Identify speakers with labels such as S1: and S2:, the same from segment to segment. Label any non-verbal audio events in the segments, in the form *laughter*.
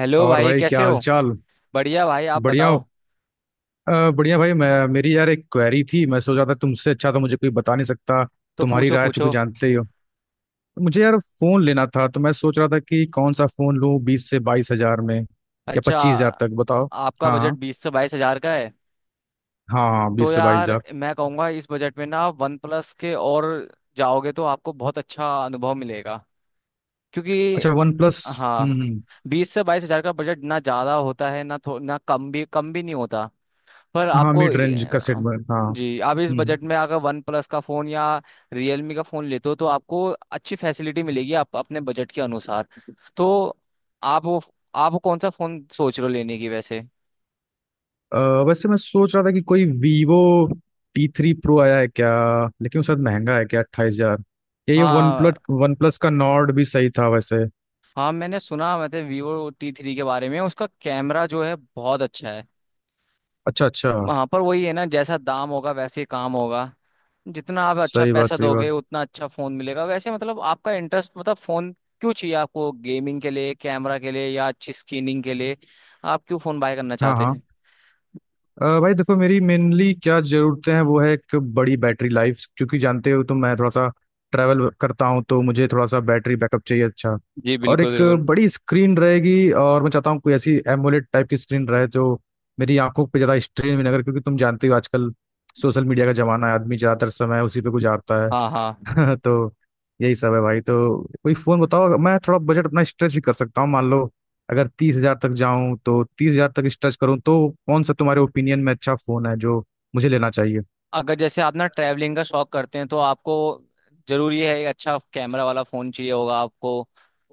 S1: Hello
S2: और
S1: भाई,
S2: भाई क्या
S1: कैसे हो।
S2: हालचाल।
S1: बढ़िया भाई, आप
S2: बढ़िया
S1: बताओ।
S2: हो। बढ़िया भाई। मैं मेरी यार एक क्वेरी थी, मैं सोच रहा था तुमसे। अच्छा, तो मुझे कोई बता नहीं सकता
S1: तो
S2: तुम्हारी
S1: पूछो
S2: राय, चूंकि
S1: पूछो।
S2: जानते ही हो। तो मुझे यार फोन लेना था, तो मैं सोच रहा था कि कौन सा फोन लूं 20 से 22 हजार में, या
S1: अच्छा,
S2: 25 हजार तक। बताओ।
S1: आपका
S2: हाँ
S1: बजट
S2: हाँ।
S1: 20 से 22 हजार का है।
S2: हाँ हाँ,
S1: तो
S2: बीस से बाईस
S1: यार,
S2: हजार
S1: मैं कहूँगा इस बजट में ना आप वन प्लस के और जाओगे तो आपको बहुत अच्छा अनुभव मिलेगा, क्योंकि
S2: अच्छा, वन प्लस।
S1: हाँ,
S2: हम्म।
S1: 20 से 22 हजार का बजट ना ज़्यादा होता है ना थो ना कम भी नहीं होता। पर
S2: हाँ,
S1: आपको
S2: मिड रेंज का सेट। हाँ।
S1: जी, आप इस बजट
S2: हम्म।
S1: में अगर वन प्लस का फ़ोन या रियलमी का फ़ोन लेते हो तो आपको अच्छी फैसिलिटी मिलेगी आप अपने बजट के अनुसार। तो आप वो आप कौन सा फ़ोन सोच रहे हो लेने की वैसे।
S2: अ, वैसे मैं सोच रहा था कि कोई वीवो टी थ्री प्रो आया है क्या? लेकिन उसका महंगा है क्या? 28 हजार? या ये वन
S1: हाँ
S2: प्लस। वन प्लस का नॉर्ड भी सही था वैसे।
S1: हाँ, मैंने सुना मतलब वीवो टी थ्री के बारे में उसका कैमरा जो है बहुत अच्छा है।
S2: अच्छा अच्छा।
S1: हाँ, पर वही है ना, जैसा दाम होगा वैसे ही काम होगा। जितना आप अच्छा
S2: सही बात
S1: पैसा
S2: सही
S1: दोगे
S2: बात।
S1: उतना अच्छा फोन मिलेगा, वैसे मतलब आपका इंटरेस्ट मतलब फोन क्यों चाहिए आपको, गेमिंग के लिए कैमरा के लिए या अच्छी स्क्रीनिंग के लिए, आप क्यों फोन बाय करना
S2: हाँ
S1: चाहते
S2: हाँ।
S1: हैं।
S2: भाई देखो, मेरी मेनली क्या ज़रूरतें हैं। वो है एक बड़ी बैटरी लाइफ, क्योंकि जानते हो तो मैं थोड़ा सा ट्रैवल करता हूँ, तो मुझे थोड़ा सा बैटरी बैकअप चाहिए अच्छा।
S1: जी
S2: और
S1: बिल्कुल
S2: एक
S1: बिल्कुल।
S2: बड़ी स्क्रीन रहेगी, और मैं चाहता हूँ कोई ऐसी एमोलेड टाइप की स्क्रीन रहे जो मेरी आंखों पे ज़्यादा स्ट्रेन भी ना करे, क्योंकि तुम जानते हो आजकल सोशल मीडिया का ज़माना है, आदमी ज़्यादातर समय उसी पे गुजारता है।
S1: हाँ हाँ।
S2: *laughs* तो यही सब है भाई। तो कोई फोन बताओ अगर- मैं थोड़ा बजट अपना स्ट्रेच भी कर सकता हूँ, मान लो अगर 30 हजार तक जाऊं, तो 30 हजार तक स्ट्रेच करूँ तो कौन सा तुम्हारे ओपिनियन में अच्छा फोन है जो मुझे लेना चाहिए?
S1: अगर जैसे आप ना ट्रैवलिंग का शौक करते हैं तो आपको जरूरी है एक अच्छा कैमरा वाला फोन चाहिए होगा आपको,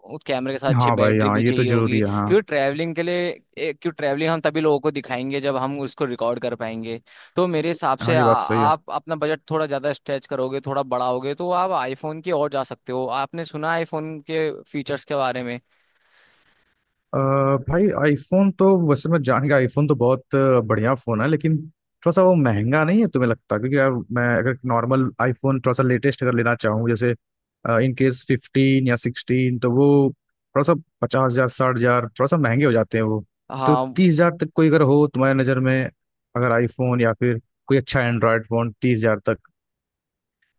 S1: उस कैमरे के साथ अच्छी
S2: हाँ भाई
S1: बैटरी
S2: हाँ,
S1: भी
S2: ये तो
S1: चाहिए
S2: जरूरी
S1: होगी
S2: है हाँ।
S1: क्योंकि ट्रैवलिंग के लिए क्यों ट्रैवलिंग हम तभी लोगों को दिखाएंगे जब हम उसको रिकॉर्ड कर पाएंगे। तो मेरे हिसाब से
S2: हाँ, ये बात सही है।
S1: आप अपना बजट थोड़ा ज़्यादा स्ट्रेच करोगे थोड़ा बढ़ाओगे तो आप आईफोन की ओर जा सकते हो, आपने सुना आईफोन के फीचर्स के बारे में।
S2: अ, भाई आईफोन तो वैसे मैं जान गया, आईफोन तो बहुत बढ़िया फोन है, लेकिन थोड़ा सा वो महंगा नहीं है तुम्हें लगता? क्योंकि यार मैं अगर नॉर्मल आईफोन थोड़ा सा लेटेस्ट अगर लेना चाहूँ, जैसे इन केस 15 या 16, तो वो थोड़ा सा 50 हजार, 60 हजार थोड़ा सा महंगे हो जाते हैं वो। तो
S1: हाँ
S2: तीस हजार तक कोई अगर हो तुम्हारी नज़र में, अगर आईफोन या फिर कोई अच्छा एंड्रॉयड फोन 30 हजार तक।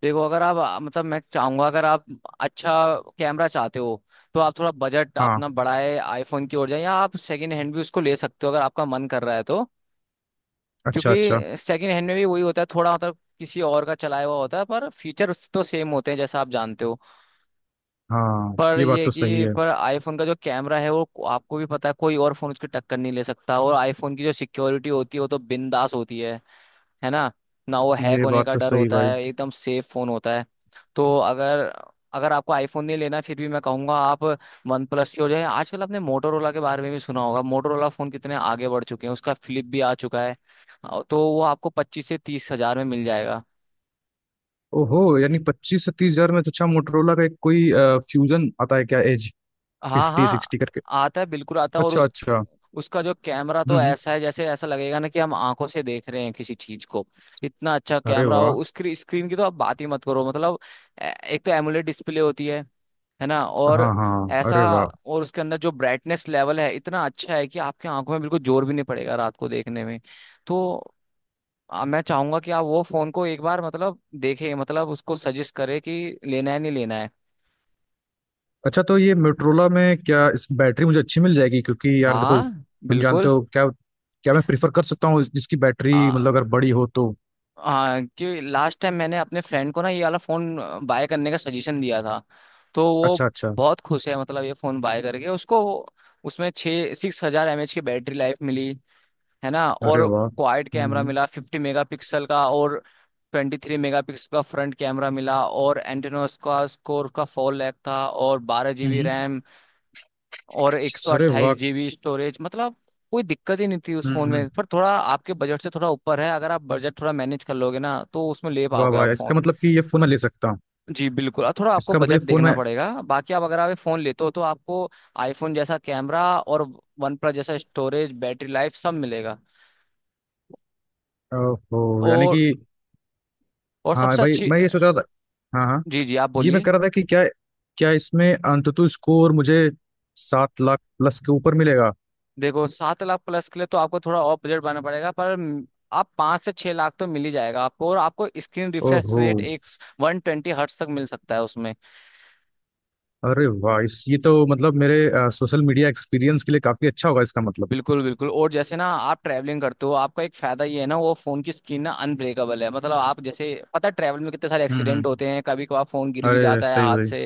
S1: देखो, अगर आप मतलब मैं चाहूंगा अगर आप अच्छा कैमरा चाहते हो तो आप थोड़ा बजट
S2: हाँ।
S1: अपना बढ़ाए आईफोन की ओर जाए, या आप सेकंड हैंड भी उसको ले सकते हो अगर आपका मन कर रहा है तो।
S2: अच्छा अच्छा।
S1: क्योंकि सेकंड हैंड में भी वही होता है, थोड़ा मतलब किसी और का चलाया हुआ होता है पर फीचर उससे तो सेम होते हैं जैसा आप जानते हो।
S2: हाँ,
S1: पर
S2: ये
S1: ये
S2: बात
S1: है
S2: तो सही
S1: कि
S2: है।
S1: पर आईफोन का जो कैमरा है वो आपको भी पता है कोई और फोन उसकी टक्कर नहीं ले सकता, और आईफोन की जो सिक्योरिटी होती है वो तो बिंदास होती है ना। ना वो हैक
S2: ये
S1: होने
S2: बात
S1: का
S2: तो
S1: डर
S2: सही
S1: होता
S2: भाई।
S1: है, एकदम सेफ फोन होता है। तो अगर अगर आपको आईफोन नहीं लेना है, फिर भी मैं कहूंगा आप वन प्लस की हो जाए। आजकल आपने मोटोरोला के बारे में भी सुना होगा, मोटोरोला फोन कितने आगे बढ़ चुके हैं, उसका फ्लिप भी आ चुका है। तो वो आपको 25 से 30 हजार में मिल जाएगा।
S2: ओहो, यानी 25 से 30 हजार में? तो अच्छा, मोटरोला का एक कोई फ्यूजन आता है क्या एज
S1: हाँ
S2: फिफ्टी
S1: हाँ।
S2: सिक्सटी करके?
S1: आता है बिल्कुल आता है, और
S2: अच्छा
S1: उस
S2: अच्छा।
S1: उसका जो कैमरा तो
S2: हम्म।
S1: ऐसा है जैसे ऐसा लगेगा ना कि हम आंखों से देख रहे हैं किसी चीज को, इतना अच्छा
S2: अरे
S1: कैमरा हो।
S2: वाह।
S1: उसकी स्क्रीन की तो आप बात ही मत करो, मतलब एक तो एमुलेट डिस्प्ले होती है ना। और
S2: हाँ हाँ।
S1: ऐसा,
S2: अरे वाह।
S1: और उसके अंदर जो ब्राइटनेस लेवल है इतना अच्छा है कि आपकी आंखों में बिल्कुल जोर भी नहीं पड़ेगा रात को देखने में। तो मैं चाहूंगा कि आप वो फोन को एक बार मतलब देखें, मतलब उसको सजेस्ट करें कि लेना है नहीं लेना है।
S2: अच्छा, तो ये मोटरोला में क्या इस बैटरी मुझे अच्छी मिल जाएगी? क्योंकि यार देखो,
S1: हाँ
S2: तुम जानते
S1: बिल्कुल।
S2: हो क्या क्या मैं प्रिफर कर सकता हूँ, जिसकी बैटरी मतलब अगर बड़ी हो तो।
S1: हाँ क्योंकि लास्ट टाइम मैंने अपने फ्रेंड को ना ये वाला फोन बाय करने का सजेशन दिया था, तो वो
S2: अच्छा अच्छा।
S1: बहुत खुश है, मतलब ये फोन बाय करके उसको। उसमें छः सिक्स हजार एम एच की बैटरी लाइफ मिली, है ना।
S2: अरे
S1: और
S2: वाह।
S1: क्वाड कैमरा मिला 50 मेगापिक्सल का, और 23 मेगापिक्सल का फ्रंट कैमरा मिला, और एंटेनोस का स्कोर का 4 लैख था, और बारह जीबी
S2: हम्म।
S1: रैम और एक सौ
S2: अरे वाह।
S1: अट्ठाईस जीबी स्टोरेज, मतलब कोई दिक्कत ही नहीं थी उस फोन
S2: हम्म।
S1: में, पर थोड़ा आपके बजट से थोड़ा ऊपर है। अगर आप बजट थोड़ा मैनेज कर लोगे ना तो उसमें ले
S2: वाह
S1: पाओगे
S2: वाह,
S1: आप
S2: इसका
S1: फोन।
S2: मतलब कि ये फोन मैं ले सकता हूँ?
S1: जी बिल्कुल, और थोड़ा आपको
S2: इसका मतलब ये
S1: बजट
S2: फोन
S1: देखना
S2: मैं।
S1: पड़ेगा बाकी आप अगर आप ये फोन लेते हो तो आपको आईफोन जैसा कैमरा और वन प्लस जैसा स्टोरेज बैटरी लाइफ सब मिलेगा।
S2: ओहो, यानी कि।
S1: और और
S2: हाँ
S1: सबसे
S2: भाई,
S1: अच्छी।
S2: मैं ये सोच रहा था। हाँ हाँ।
S1: जी जी, आप
S2: जी, मैं
S1: बोलिए।
S2: कह रहा था कि क्या क्या इसमें अंततः स्कोर मुझे 7 लाख प्लस के ऊपर मिलेगा?
S1: देखो, 7 लाख प्लस के लिए तो आपको थोड़ा और बजट बनाना पड़ेगा, आप 5 से 6 लाख तो मिल ही जाएगा आपको, और आपको स्क्रीन रिफ्रेश
S2: ओहो।
S1: रेट एक 120 हर्ट्स तक मिल सकता है उसमें।
S2: अरे वाह, इस ये तो मतलब मेरे सोशल मीडिया एक्सपीरियंस के लिए काफी अच्छा होगा इसका मतलब।
S1: बिल्कुल बिल्कुल। और जैसे ना आप ट्रैवलिंग करते हो आपका एक फायदा ये है ना वो फोन की स्क्रीन ना अनब्रेकेबल है, मतलब आप जैसे पता है ट्रैवल में कितने सारे एक्सीडेंट
S2: हम्म।
S1: होते हैं, कभी कभार फोन गिर भी
S2: अरे
S1: जाता है
S2: सही
S1: हाथ
S2: भाई।
S1: से,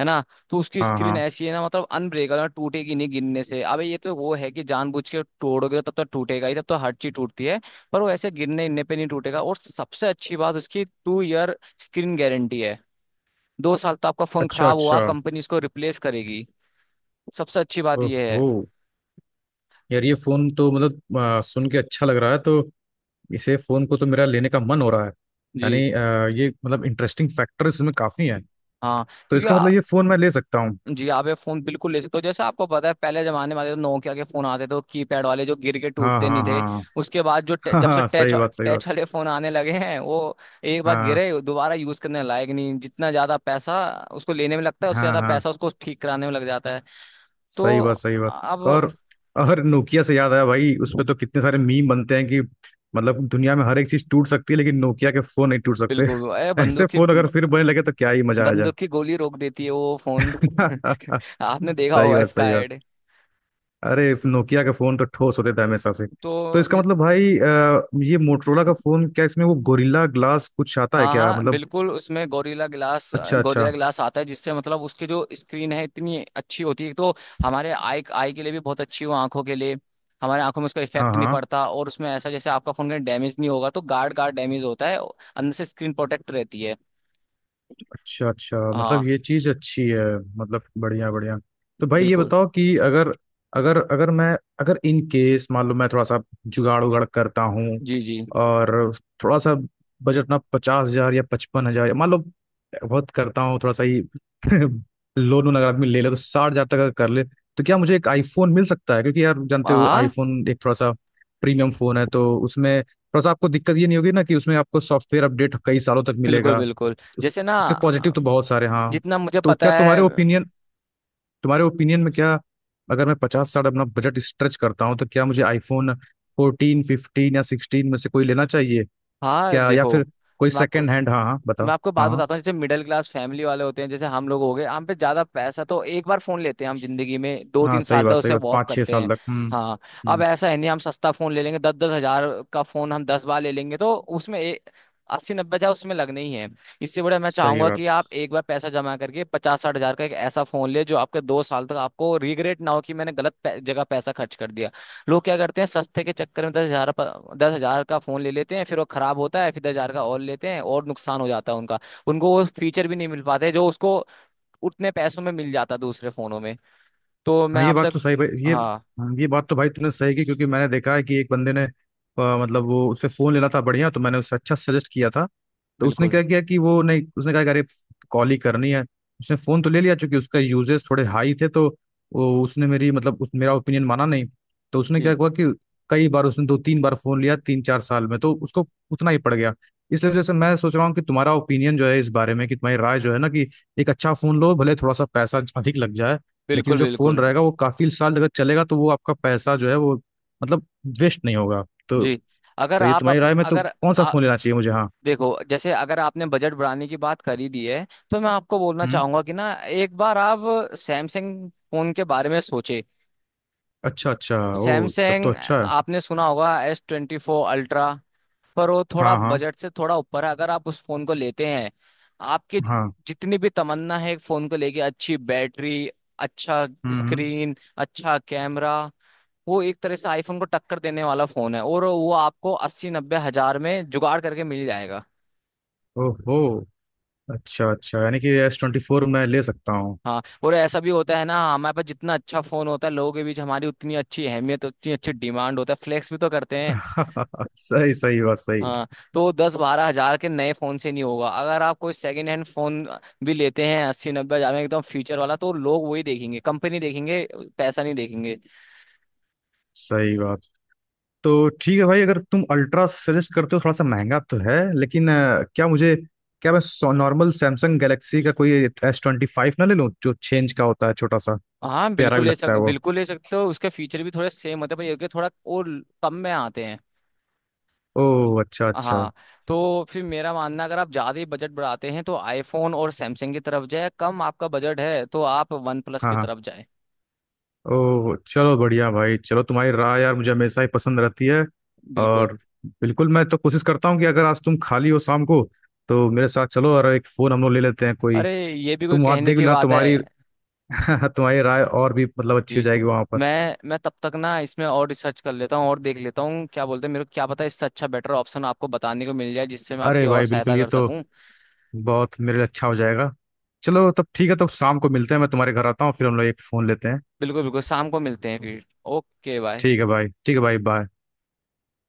S1: है ना। तो उसकी
S2: हाँ
S1: स्क्रीन
S2: हाँ।
S1: ऐसी है ना, मतलब अनब्रेकेबल, टूटेगी नहीं गिरने से। अब ये तो वो है कि जानबूझ के तोड़ोगे तब तो टूटेगा ही, तब तो हर चीज टूटती है। पर वो ऐसे गिरने गिरने पे नहीं टूटेगा। और सबसे अच्छी बात, उसकी 2 ईयर स्क्रीन गारंटी है, 2 साल तक आपका फोन
S2: अच्छा
S1: खराब हुआ
S2: अच्छा।
S1: कंपनी उसको रिप्लेस करेगी। सबसे अच्छी बात ये है।
S2: ओहो। यार ये फोन तो मतलब सुन के अच्छा लग रहा है। तो इसे फोन को तो मेरा लेने का मन हो रहा है।
S1: जी।
S2: यानी ये मतलब इंटरेस्टिंग फैक्टर इसमें काफी हैं।
S1: हाँ
S2: तो
S1: क्योंकि
S2: इसका मतलब
S1: आ-
S2: ये फोन मैं ले सकता हूँ?
S1: जी, आप ये फोन बिल्कुल ले सकते हो। जैसे आपको पता है पहले जमाने में आते थे नोकिया के फोन आते थे तो कीपैड वाले, जो गिर के
S2: हाँ
S1: टूटते नहीं
S2: हाँ
S1: थे।
S2: हाँ।
S1: उसके बाद
S2: *laughs* हाँ
S1: जब से
S2: हाँ,
S1: टच
S2: सही बात सही बात।
S1: टच वाले फोन आने लगे हैं, वो एक बार
S2: हाँ
S1: गिरे दोबारा यूज करने लायक नहीं। जितना ज्यादा पैसा उसको लेने में लगता है उससे
S2: हाँ
S1: ज्यादा
S2: हाँ,
S1: पैसा उसको ठीक कराने में लग जाता है। तो
S2: सही बात सही बात।
S1: अब
S2: और और नोकिया से याद आया भाई, उस पे तो कितने सारे मीम बनते हैं कि मतलब दुनिया में हर एक चीज टूट सकती है लेकिन नोकिया के फोन नहीं टूट सकते।
S1: बिल्कुल। अरे
S2: *laughs* ऐसे
S1: बंदूक की
S2: फोन अगर फिर बनने लगे तो क्या ही मजा आ जाए।
S1: बंदूक की गोली रोक देती है वो फोन *laughs*
S2: *laughs*
S1: आपने देखा
S2: सही
S1: होगा
S2: बात
S1: इसका
S2: सही बात।
S1: ऐड।
S2: अरे नोकिया के फोन तो ठोस होते थे हमेशा से।
S1: तो
S2: तो इसका
S1: जित
S2: मतलब भाई, ये मोटरोला का फोन, क्या इसमें वो गोरिल्ला ग्लास कुछ आता है
S1: हाँ
S2: क्या
S1: हाँ
S2: मतलब?
S1: बिल्कुल, उसमें गोरिल्ला ग्लास
S2: अच्छा अच्छा।
S1: गोरिल्ला ग्लास आता है, जिससे मतलब उसकी जो स्क्रीन है इतनी अच्छी होती है तो हमारे आई आई के लिए भी बहुत अच्छी हो आंखों के लिए, हमारे आंखों में उसका
S2: हाँ
S1: इफेक्ट नहीं
S2: हाँ।
S1: पड़ता। और उसमें ऐसा जैसे आपका फोन कहीं डैमेज नहीं होगा, तो गार्ड गार्ड डैमेज होता है अंदर से स्क्रीन प्रोटेक्ट रहती है।
S2: अच्छा अच्छा, मतलब
S1: हाँ
S2: ये चीज अच्छी है। मतलब बढ़िया बढ़िया। तो भाई ये
S1: बिल्कुल।
S2: बताओ कि अगर अगर अगर मैं, अगर इन केस मान लो मैं थोड़ा सा जुगाड़ उगाड़ करता हूँ
S1: जी जी।
S2: और थोड़ा सा बजट ना 50 हजार या 55 हजार, मान लो बहुत करता हूँ थोड़ा सा ही *laughs* लोन वोन अगर आदमी ले ले तो 60 हजार तक अगर कर ले, तो क्या मुझे एक आईफोन मिल सकता है? क्योंकि यार जानते हो
S1: हाँ
S2: आईफोन एक थोड़ा सा प्रीमियम फोन है, तो उसमें थोड़ा सा आपको दिक्कत ये नहीं होगी ना कि उसमें आपको सॉफ्टवेयर अपडेट कई सालों तक
S1: बिल्कुल
S2: मिलेगा।
S1: बिल्कुल। जैसे ना
S2: उसके पॉजिटिव तो बहुत सारे हाँ।
S1: जितना मुझे
S2: तो
S1: पता
S2: क्या
S1: है।
S2: तुम्हारे ओपिनियन में क्या, अगर मैं पचास साठ अपना बजट स्ट्रेच करता हूँ तो क्या मुझे आईफोन 14, 15 या सिक्सटीन में से कोई लेना चाहिए
S1: हाँ
S2: क्या, या
S1: देखो,
S2: फिर कोई
S1: मैं आपको
S2: सेकेंड हैंड? हाँ हाँ, बताओ।
S1: मैं आपको
S2: हाँ
S1: बात
S2: हाँ
S1: बताता हूँ, जैसे मिडिल क्लास फैमिली वाले होते हैं जैसे हम लोग हो गए, हम पे ज्यादा पैसा तो एक बार फोन लेते हैं हम जिंदगी में, दो
S2: हाँ,
S1: तीन
S2: सही
S1: साल तक
S2: बात सही
S1: उसे
S2: बात।
S1: वॉक
S2: पाँच छः
S1: करते हैं।
S2: साल तक।
S1: हाँ। अब
S2: हम्म।
S1: ऐसा है नहीं, हम सस्ता फोन ले लेंगे 10-10 हजार का फोन हम दस बार ले लेंगे तो उसमें एक 80-90 हजार उसमें लगने ही है। इससे बड़ा मैं
S2: सही
S1: चाहूंगा
S2: बात।
S1: कि आप एक बार पैसा जमा करके 50-60 हजार का एक ऐसा फोन ले जो आपके दो साल तक आपको रिग्रेट ना हो कि मैंने जगह पैसा खर्च कर दिया। लोग क्या करते हैं सस्ते के चक्कर में दस हजार का फोन ले लेते हैं फिर वो खराब होता है फिर 10 हजार का और लेते हैं और नुकसान हो जाता है उनका। उनको वो फीचर भी नहीं मिल पाते जो उसको उतने पैसों में मिल जाता दूसरे फोनों में। तो मैं
S2: हाँ ये
S1: आपसे
S2: बात तो सही भाई, ये
S1: हाँ
S2: ये बात तो भाई तूने सही की, क्योंकि मैंने देखा है कि एक बंदे ने मतलब वो उससे फोन लेना था बढ़िया, तो मैंने उससे अच्छा सजेस्ट किया था। तो उसने
S1: बिल्कुल।
S2: क्या किया कि वो नहीं, उसने कहा कि अरे कॉल ही करनी है। उसने फोन तो ले लिया, चूंकि उसका यूजेस थोड़े हाई थे, तो वो उसने मेरी मतलब उस, मेरा ओपिनियन माना नहीं। तो उसने क्या
S1: जी
S2: हुआ कि कई बार उसने दो तीन बार फोन लिया तीन चार साल में, तो उसको उतना ही पड़ गया। इसलिए जैसे मैं सोच रहा हूँ कि तुम्हारा ओपिनियन जो है इस बारे में, कि तुम्हारी राय जो है ना, कि एक अच्छा फोन लो भले थोड़ा सा पैसा अधिक लग जाए, लेकिन
S1: बिल्कुल
S2: जो फोन
S1: बिल्कुल।
S2: रहेगा वो काफी साल अगर चलेगा तो वो आपका पैसा जो है वो मतलब वेस्ट नहीं होगा। तो
S1: जी अगर
S2: तो ये तुम्हारी राय में तो
S1: अगर
S2: कौन सा
S1: आ,
S2: फोन लेना चाहिए मुझे? हाँ।
S1: देखो, जैसे अगर आपने बजट बढ़ाने की बात करी दी है तो मैं आपको बोलना
S2: हम्म।
S1: चाहूंगा कि ना एक बार आप सैमसंग फोन के बारे में सोचे।
S2: अच्छा अच्छा। ओ, तब तो
S1: सैमसंग।
S2: अच्छा है।
S1: आपने सुना होगा S 24 अल्ट्रा, पर वो थोड़ा
S2: हाँ हाँ
S1: बजट से थोड़ा ऊपर है। अगर आप उस फोन को लेते हैं आपकी
S2: हाँ।
S1: जितनी भी तमन्ना है एक फोन को लेके, अच्छी बैटरी, अच्छा
S2: हम्म।
S1: स्क्रीन, अच्छा कैमरा, वो एक तरह से आईफोन को टक्कर देने वाला फोन है, और वो आपको 80-90 हजार में जुगाड़ करके मिल जाएगा।
S2: ओहो, अच्छा अच्छा, यानी कि S24 मैं ले सकता हूँ?
S1: हाँ। और ऐसा भी होता है ना, हमारे पास जितना अच्छा फोन होता है लोगों के बीच हमारी उतनी अच्छी अहमियत, उतनी अच्छी डिमांड होता है, फ्लेक्स भी तो करते हैं।
S2: *laughs* सही सही बात सही।
S1: हाँ। तो 10-12 हजार के नए फोन से नहीं होगा, अगर आप कोई सेकंड हैंड फोन भी लेते हैं 80-90 हजार में एकदम फ्यूचर वाला, तो लोग वही देखेंगे, कंपनी देखेंगे, पैसा नहीं देखेंगे।
S2: सही बात। तो ठीक है भाई, अगर तुम अल्ट्रा सजेस्ट करते हो थोड़ा सा महंगा तो है, लेकिन क्या मुझे, क्या मैं नॉर्मल सैमसंग गैलेक्सी का कोई S25 ना ले लूँ, जो चेंज का होता है छोटा सा
S1: हाँ
S2: प्यारा भी लगता है वो?
S1: बिल्कुल ले सकते हो, उसके फीचर भी थोड़े सेम होते हैं, पर ये कि थोड़ा और कम में आते हैं।
S2: ओह अच्छा अच्छा।
S1: हाँ। तो फिर मेरा मानना अगर आप ज्यादा ही बजट बढ़ाते हैं तो आईफोन और सैमसंग की तरफ जाए, कम आपका बजट है तो आप वन प्लस
S2: हाँ
S1: की
S2: हाँ।
S1: तरफ जाए।
S2: ओह चलो बढ़िया भाई, चलो, तुम्हारी राय यार मुझे हमेशा ही पसंद रहती है।
S1: बिल्कुल।
S2: और बिल्कुल, मैं तो कोशिश करता हूँ कि अगर आज तुम खाली हो शाम को, तो मेरे साथ चलो और एक फ़ोन हम लोग ले लेते हैं कोई।
S1: अरे ये भी कोई
S2: तुम वहाँ
S1: कहने
S2: देख
S1: की
S2: लेना
S1: बात है।
S2: तुम्हारी *laughs* तुम्हारी राय और भी मतलब अच्छी हो
S1: जी।
S2: जाएगी वहाँ पर।
S1: मैं तब तक ना इसमें और रिसर्च कर लेता हूँ और देख लेता हूँ क्या बोलते हैं मेरे को, क्या पता इससे अच्छा बेटर ऑप्शन आपको बताने को मिल जाए जिससे मैं आपकी
S2: अरे
S1: और
S2: भाई
S1: सहायता
S2: बिल्कुल, ये
S1: कर
S2: तो
S1: सकूँ।
S2: बहुत मेरे लिए अच्छा हो जाएगा। चलो तब ठीक है, तो शाम को मिलते हैं। मैं तुम्हारे घर आता हूँ फिर हम लोग एक फ़ोन लेते हैं।
S1: बिल्कुल बिल्कुल, शाम को मिलते हैं फिर। Okay bye.
S2: ठीक है भाई, ठीक है भाई, बाय।